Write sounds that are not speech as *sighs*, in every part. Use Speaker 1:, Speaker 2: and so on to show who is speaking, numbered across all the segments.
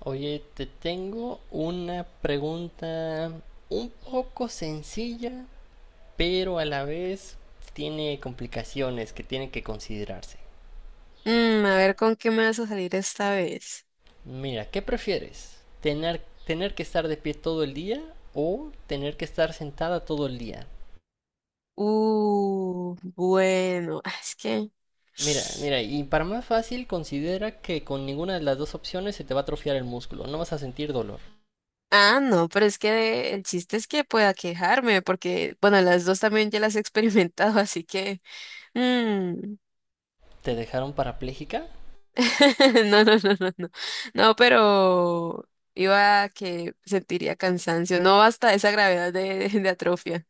Speaker 1: Oye, te tengo una pregunta un poco sencilla, pero a la vez tiene complicaciones que tienen que considerarse.
Speaker 2: Mm, a ver con qué me vas a salir esta vez.
Speaker 1: Mira, ¿qué prefieres? ¿Tener que estar de pie todo el día o tener que estar sentada todo el día?
Speaker 2: Bueno, ah, es que...
Speaker 1: Mira, mira, y para más fácil, considera que con ninguna de las dos opciones se te va a atrofiar el músculo, no vas a sentir dolor.
Speaker 2: Ah, no, pero es que el chiste es que pueda quejarme, porque, bueno, las dos también ya las he experimentado, *laughs* así que... mm,
Speaker 1: ¿Te dejaron parapléjica?
Speaker 2: *laughs* no, no, no, no, no. No, pero iba a que sentiría cansancio, no hasta esa gravedad de, *laughs* de atrofia.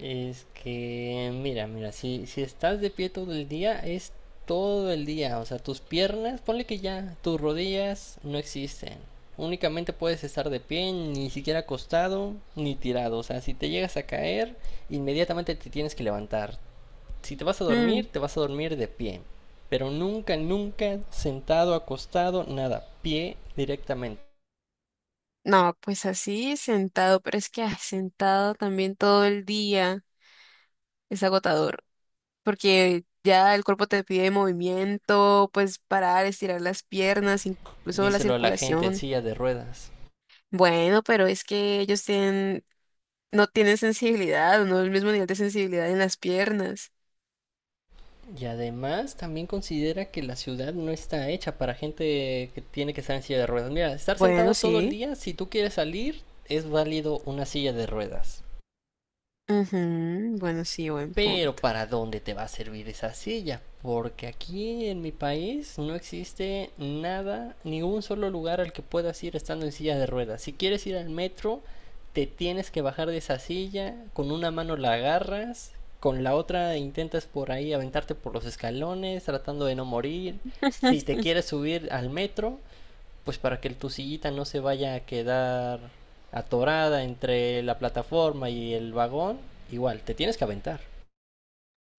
Speaker 1: Es que, mira, mira, si estás de pie todo el día, es todo el día. O sea, tus piernas, ponle que ya, tus rodillas no existen. Únicamente puedes estar de pie, ni siquiera acostado, ni tirado. O sea, si te llegas a caer, inmediatamente te tienes que levantar. Si te vas a
Speaker 2: Mm,
Speaker 1: dormir, te vas a dormir de pie. Pero nunca, nunca sentado, acostado, nada. Pie directamente.
Speaker 2: no, pues así, sentado, pero es que sentado también todo el día es agotador. Porque ya el cuerpo te pide movimiento, pues parar, estirar las piernas, incluso la
Speaker 1: Díselo a la gente en
Speaker 2: circulación.
Speaker 1: silla de ruedas.
Speaker 2: Bueno, pero es que ellos tienen, no tienen sensibilidad, no el mismo nivel de sensibilidad en las piernas.
Speaker 1: Y además también considera que la ciudad no está hecha para gente que tiene que estar en silla de ruedas. Mira, estar
Speaker 2: Bueno,
Speaker 1: sentado todo el
Speaker 2: sí.
Speaker 1: día, si tú quieres salir, es válido una silla de ruedas.
Speaker 2: Ujú, bueno, sí, buen
Speaker 1: Pero
Speaker 2: punto.
Speaker 1: ¿para dónde te va a servir esa silla? Porque aquí en mi país no existe nada, ningún solo lugar al que puedas ir estando en silla de ruedas. Si quieres ir al metro, te tienes que bajar de esa silla, con una mano la agarras, con la otra intentas por ahí aventarte por los escalones, tratando de no morir. Si
Speaker 2: *laughs*
Speaker 1: te quieres subir al metro, pues para que tu sillita no se vaya a quedar atorada entre la plataforma y el vagón, igual, te tienes que aventar.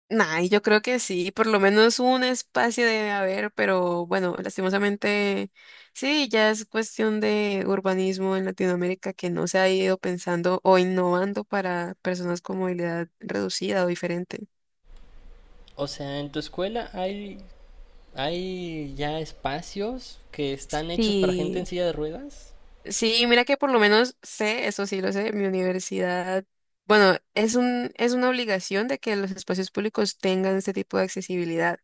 Speaker 2: Nah, y yo creo que sí, por lo menos un espacio debe haber, pero bueno, lastimosamente sí, ya es cuestión de urbanismo en Latinoamérica que no se ha ido pensando o innovando para personas con movilidad reducida o diferente.
Speaker 1: O sea, en tu escuela hay ya espacios que están hechos para gente en
Speaker 2: Sí,
Speaker 1: silla de ruedas.
Speaker 2: sí, mira que por lo menos sé, eso sí lo sé, mi universidad, bueno, es una obligación de que los espacios públicos tengan este tipo de accesibilidad.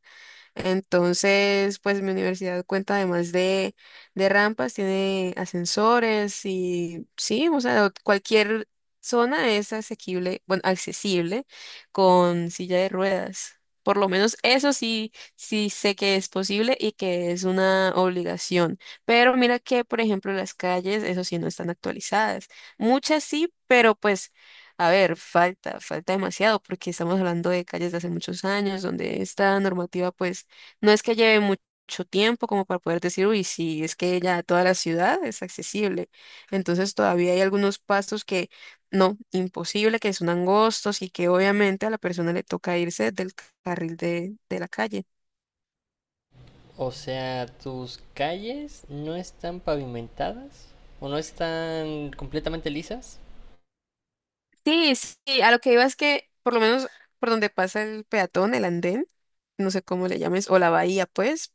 Speaker 2: Entonces, pues mi universidad cuenta además de rampas, tiene ascensores y sí, o sea, cualquier zona es asequible, bueno, accesible con silla de ruedas. Por lo menos eso sí, sí sé que es posible y que es una obligación. Pero mira que, por ejemplo, las calles, eso sí, no están actualizadas. Muchas sí, pero pues... A ver, falta demasiado porque estamos hablando de calles de hace muchos años donde esta normativa pues no es que lleve mucho tiempo como para poder decir, uy, sí, es que ya toda la ciudad es accesible. Entonces todavía hay algunos pastos que no, imposible, que son angostos y que obviamente a la persona le toca irse del de la calle.
Speaker 1: O sea, tus calles no están pavimentadas o no están completamente lisas.
Speaker 2: Sí, sí, a lo que iba es que por lo menos por donde pasa el peatón, el andén, no sé cómo le llames, o la bahía, pues,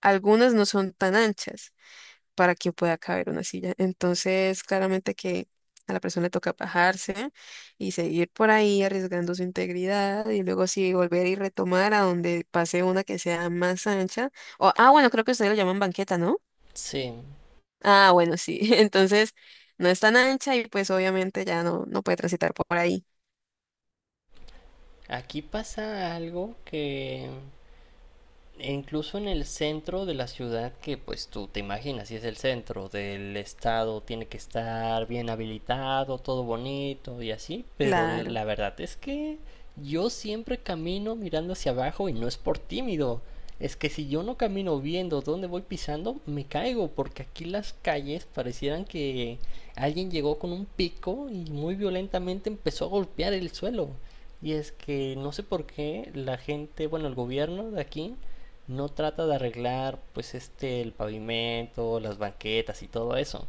Speaker 2: algunas no son tan anchas, para que pueda caber una silla. Entonces, claramente que a la persona le toca bajarse y seguir por ahí arriesgando su integridad y luego sí volver y retomar a donde pase una que sea más ancha. O, ah, bueno, creo que ustedes lo llaman banqueta, ¿no?
Speaker 1: Sí,
Speaker 2: Ah, bueno, sí. *laughs* Entonces, no es tan ancha y pues obviamente ya no, no puede transitar por ahí.
Speaker 1: aquí pasa algo que e incluso en el centro de la ciudad, que pues tú te imaginas, si es el centro del estado, tiene que estar bien habilitado, todo bonito y así, pero
Speaker 2: Claro.
Speaker 1: la verdad es que yo siempre camino mirando hacia abajo y no es por tímido. Es que si yo no camino viendo dónde voy pisando, me caigo, porque aquí las calles parecieran que alguien llegó con un pico y muy violentamente empezó a golpear el suelo. Y es que no sé por qué la gente, bueno, el gobierno de aquí no trata de arreglar pues este el pavimento, las banquetas y todo eso.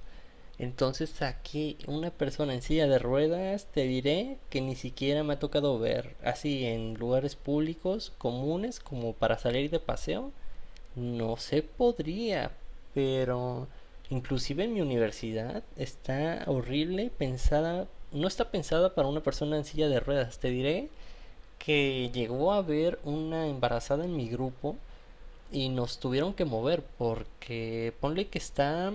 Speaker 1: Entonces aquí una persona en silla de ruedas te diré que ni siquiera me ha tocado ver así en lugares públicos comunes como para salir de paseo. No se podría, pero inclusive en mi universidad está horrible pensada, no está pensada para una persona en silla de ruedas. Te diré que llegó a haber una embarazada en mi grupo y nos tuvieron que mover porque ponle que está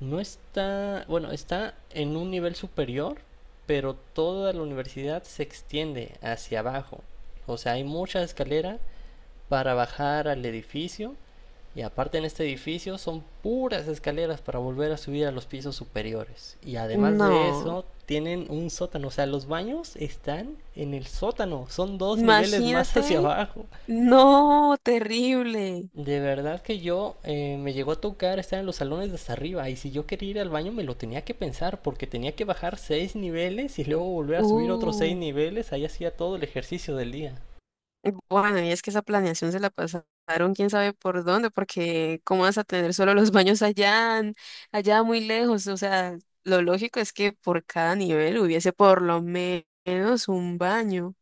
Speaker 1: no está bueno está en un nivel superior, pero toda la universidad se extiende hacia abajo. O sea, hay mucha escalera para bajar al edificio y aparte en este edificio son puras escaleras para volver a subir a los pisos superiores. Y además de
Speaker 2: No.
Speaker 1: eso, tienen un sótano. O sea, los baños están en el sótano. Son dos niveles más *laughs* hacia
Speaker 2: Imagínate.
Speaker 1: abajo.
Speaker 2: No, terrible.
Speaker 1: De verdad que yo me llegó a tocar estar en los salones de hasta arriba y si yo quería ir al baño me lo tenía que pensar porque tenía que bajar 6 niveles y luego volver a subir otros 6
Speaker 2: Uh.
Speaker 1: niveles, ahí hacía todo el ejercicio del día.
Speaker 2: Bueno, y es que esa planeación se la pasaron quién sabe por dónde, porque cómo vas a tener solo los *laughs* baños allá, allá muy lejos. O sea, lo lógico es que por cada nivel hubiese menos un baño.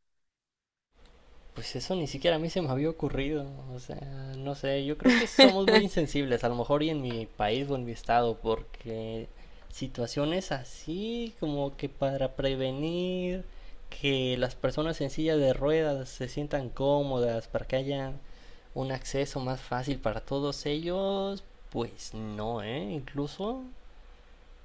Speaker 1: Pues eso ni siquiera a mí se me había ocurrido, o sea, no sé, yo creo que somos muy
Speaker 2: *laughs*
Speaker 1: insensibles, a lo mejor y en mi país o en mi estado, porque situaciones así como que para prevenir que las personas en silla de ruedas se sientan cómodas, para que haya un acceso más fácil para todos ellos, pues no, ¿eh? Incluso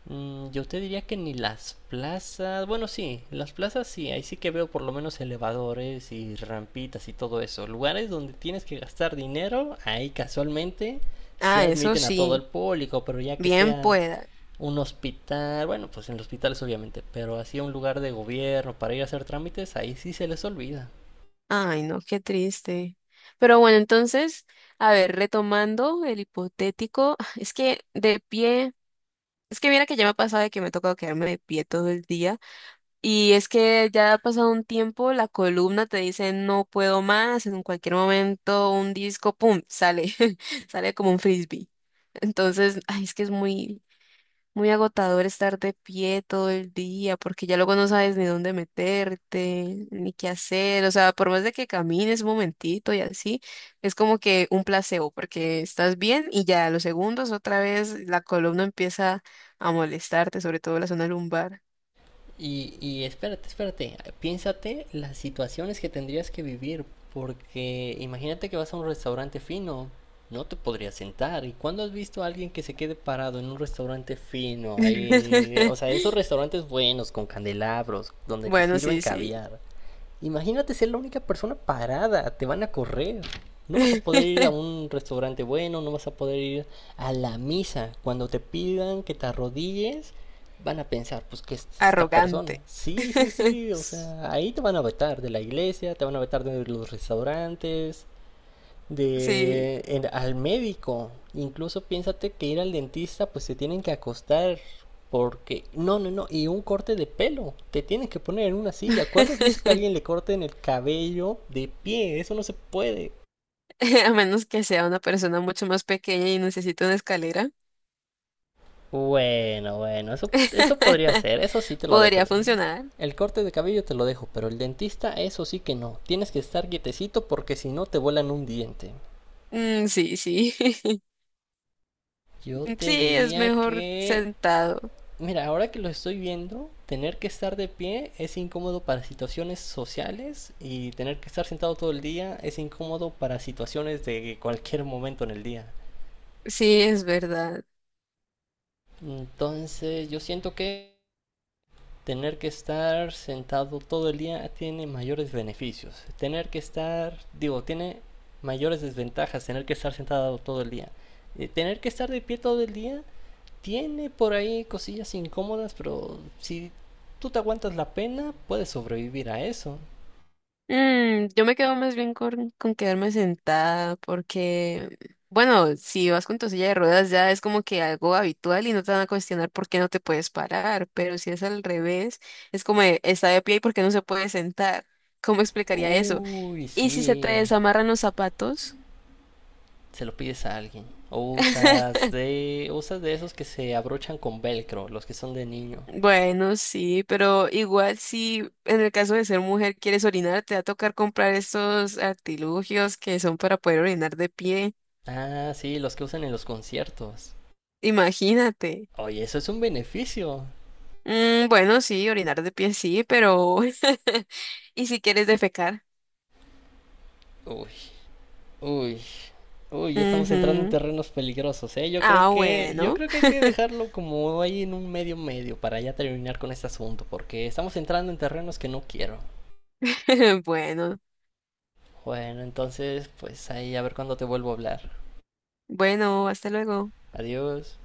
Speaker 1: yo te diría que ni las plazas, bueno, sí, las plazas sí, ahí sí que veo por lo menos elevadores y rampitas y todo eso. Lugares donde tienes que gastar dinero, ahí casualmente sí
Speaker 2: Ah, eso
Speaker 1: admiten a todo el
Speaker 2: sí,
Speaker 1: público, pero ya que
Speaker 2: bien
Speaker 1: sea
Speaker 2: pueda.
Speaker 1: un hospital, bueno, pues en los hospitales obviamente, pero así un lugar de gobierno para ir a hacer trámites, ahí sí se les olvida.
Speaker 2: Ay, no, qué triste. Pero bueno, entonces, a ver, retomando el hipotético, *sighs* es que de pie, es que mira que ya me ha pasado de que me ha tocado quedarme de pie todo el día. Y es que ya ha pasado un tiempo, la columna te dice no puedo más, en cualquier momento un disco, ¡pum!, sale, *laughs* sale como un frisbee. Entonces, ay, es que es muy agotador estar de pie todo el día, porque ya luego no sabes ni dónde meterte, ni qué hacer. O sea, por más de que camines un momentito y así, es como que un placebo, porque estás bien y ya a los segundos otra vez la columna empieza a molestarte, sobre todo la zona lumbar.
Speaker 1: Y espérate, espérate, piénsate las situaciones que tendrías que vivir, porque imagínate que vas a un restaurante fino, no te podrías sentar. ¿Y cuándo has visto a alguien que se quede parado en un restaurante fino? Ahí, o
Speaker 2: *laughs*
Speaker 1: sea, esos restaurantes buenos, con candelabros, donde te
Speaker 2: Bueno,
Speaker 1: sirven
Speaker 2: sí, sí.
Speaker 1: caviar. Imagínate ser la única persona parada, te van a correr. No vas a poder ir a
Speaker 2: *laughs*
Speaker 1: un restaurante bueno, no vas a poder ir a la misa. Cuando te pidan que te arrodilles, van a pensar, pues, ¿qué es esta persona?
Speaker 2: Arrogante.
Speaker 1: Sí, sí,
Speaker 2: *laughs*
Speaker 1: sí, o sea, ahí te van a vetar de la iglesia, te van a vetar de los restaurantes,
Speaker 2: Sí.
Speaker 1: de al médico. Incluso piénsate que ir al dentista, pues se tienen que acostar porque no, no, no, y un corte de pelo, te tienen que poner en una silla. ¿Cuándo has visto que a
Speaker 2: *laughs*
Speaker 1: alguien le corten el cabello de pie? Eso no se puede.
Speaker 2: A menos que sea una persona mucho más pequeña y necesite una escalera,
Speaker 1: Bueno, bueno, eso podría ser, eso
Speaker 2: *laughs*
Speaker 1: sí te lo dejo.
Speaker 2: podría funcionar.
Speaker 1: El corte de cabello te lo dejo, pero el dentista eso sí que no. Tienes que estar quietecito porque si no te vuelan un diente.
Speaker 2: Mm, sí, sí. *laughs*
Speaker 1: Yo
Speaker 2: Sí,
Speaker 1: te
Speaker 2: es
Speaker 1: diría
Speaker 2: mejor
Speaker 1: que
Speaker 2: sentado.
Speaker 1: Mira, ahora que lo estoy viendo, tener que estar de pie es incómodo para situaciones sociales y tener que estar sentado todo el día es incómodo para situaciones de cualquier momento en el día.
Speaker 2: Sí, es verdad.
Speaker 1: Entonces, yo siento que tener que estar sentado todo el día tiene mayores beneficios. Tener que estar, digo, tiene mayores desventajas tener que estar sentado todo el día. Tener que estar de pie todo el día tiene por ahí cosillas incómodas, pero si tú te aguantas la pena, puedes sobrevivir a eso.
Speaker 2: Mm, yo me quedo más bien con quedarme sentada porque, bueno, si vas con tu silla de ruedas ya es como que algo habitual y no te van a cuestionar por qué no te puedes parar, pero si es al revés, es como de, está de pie y por qué no se puede sentar. ¿Cómo explicaría eso?
Speaker 1: Uy,
Speaker 2: ¿Y si se te
Speaker 1: sí.
Speaker 2: desamarran los zapatos?
Speaker 1: Se lo pides a alguien. O usas
Speaker 2: *laughs*
Speaker 1: de. Usas de esos que se abrochan con velcro, los que son de niño.
Speaker 2: Bueno, sí, pero igual si en el caso de ser mujer quieres orinar, te va a tocar comprar estos artilugios que son para poder orinar de pie.
Speaker 1: Ah, sí, los que usan en los conciertos.
Speaker 2: Imagínate.
Speaker 1: Oye, eso es un beneficio.
Speaker 2: Mm, bueno, sí, orinar de pie sí, pero... *laughs* ¿Y si quieres defecar?
Speaker 1: Uy, uy, uy, ya estamos entrando en
Speaker 2: Ujú.
Speaker 1: terrenos peligrosos, ¿eh?
Speaker 2: Ah,
Speaker 1: Yo
Speaker 2: bueno.
Speaker 1: creo que hay que
Speaker 2: *laughs*
Speaker 1: dejarlo como ahí en un medio medio para ya terminar con este asunto, porque estamos entrando en terrenos que no quiero.
Speaker 2: Bueno,
Speaker 1: Bueno, entonces, pues ahí a ver cuándo te vuelvo a hablar.
Speaker 2: bueno, hasta luego.
Speaker 1: Adiós.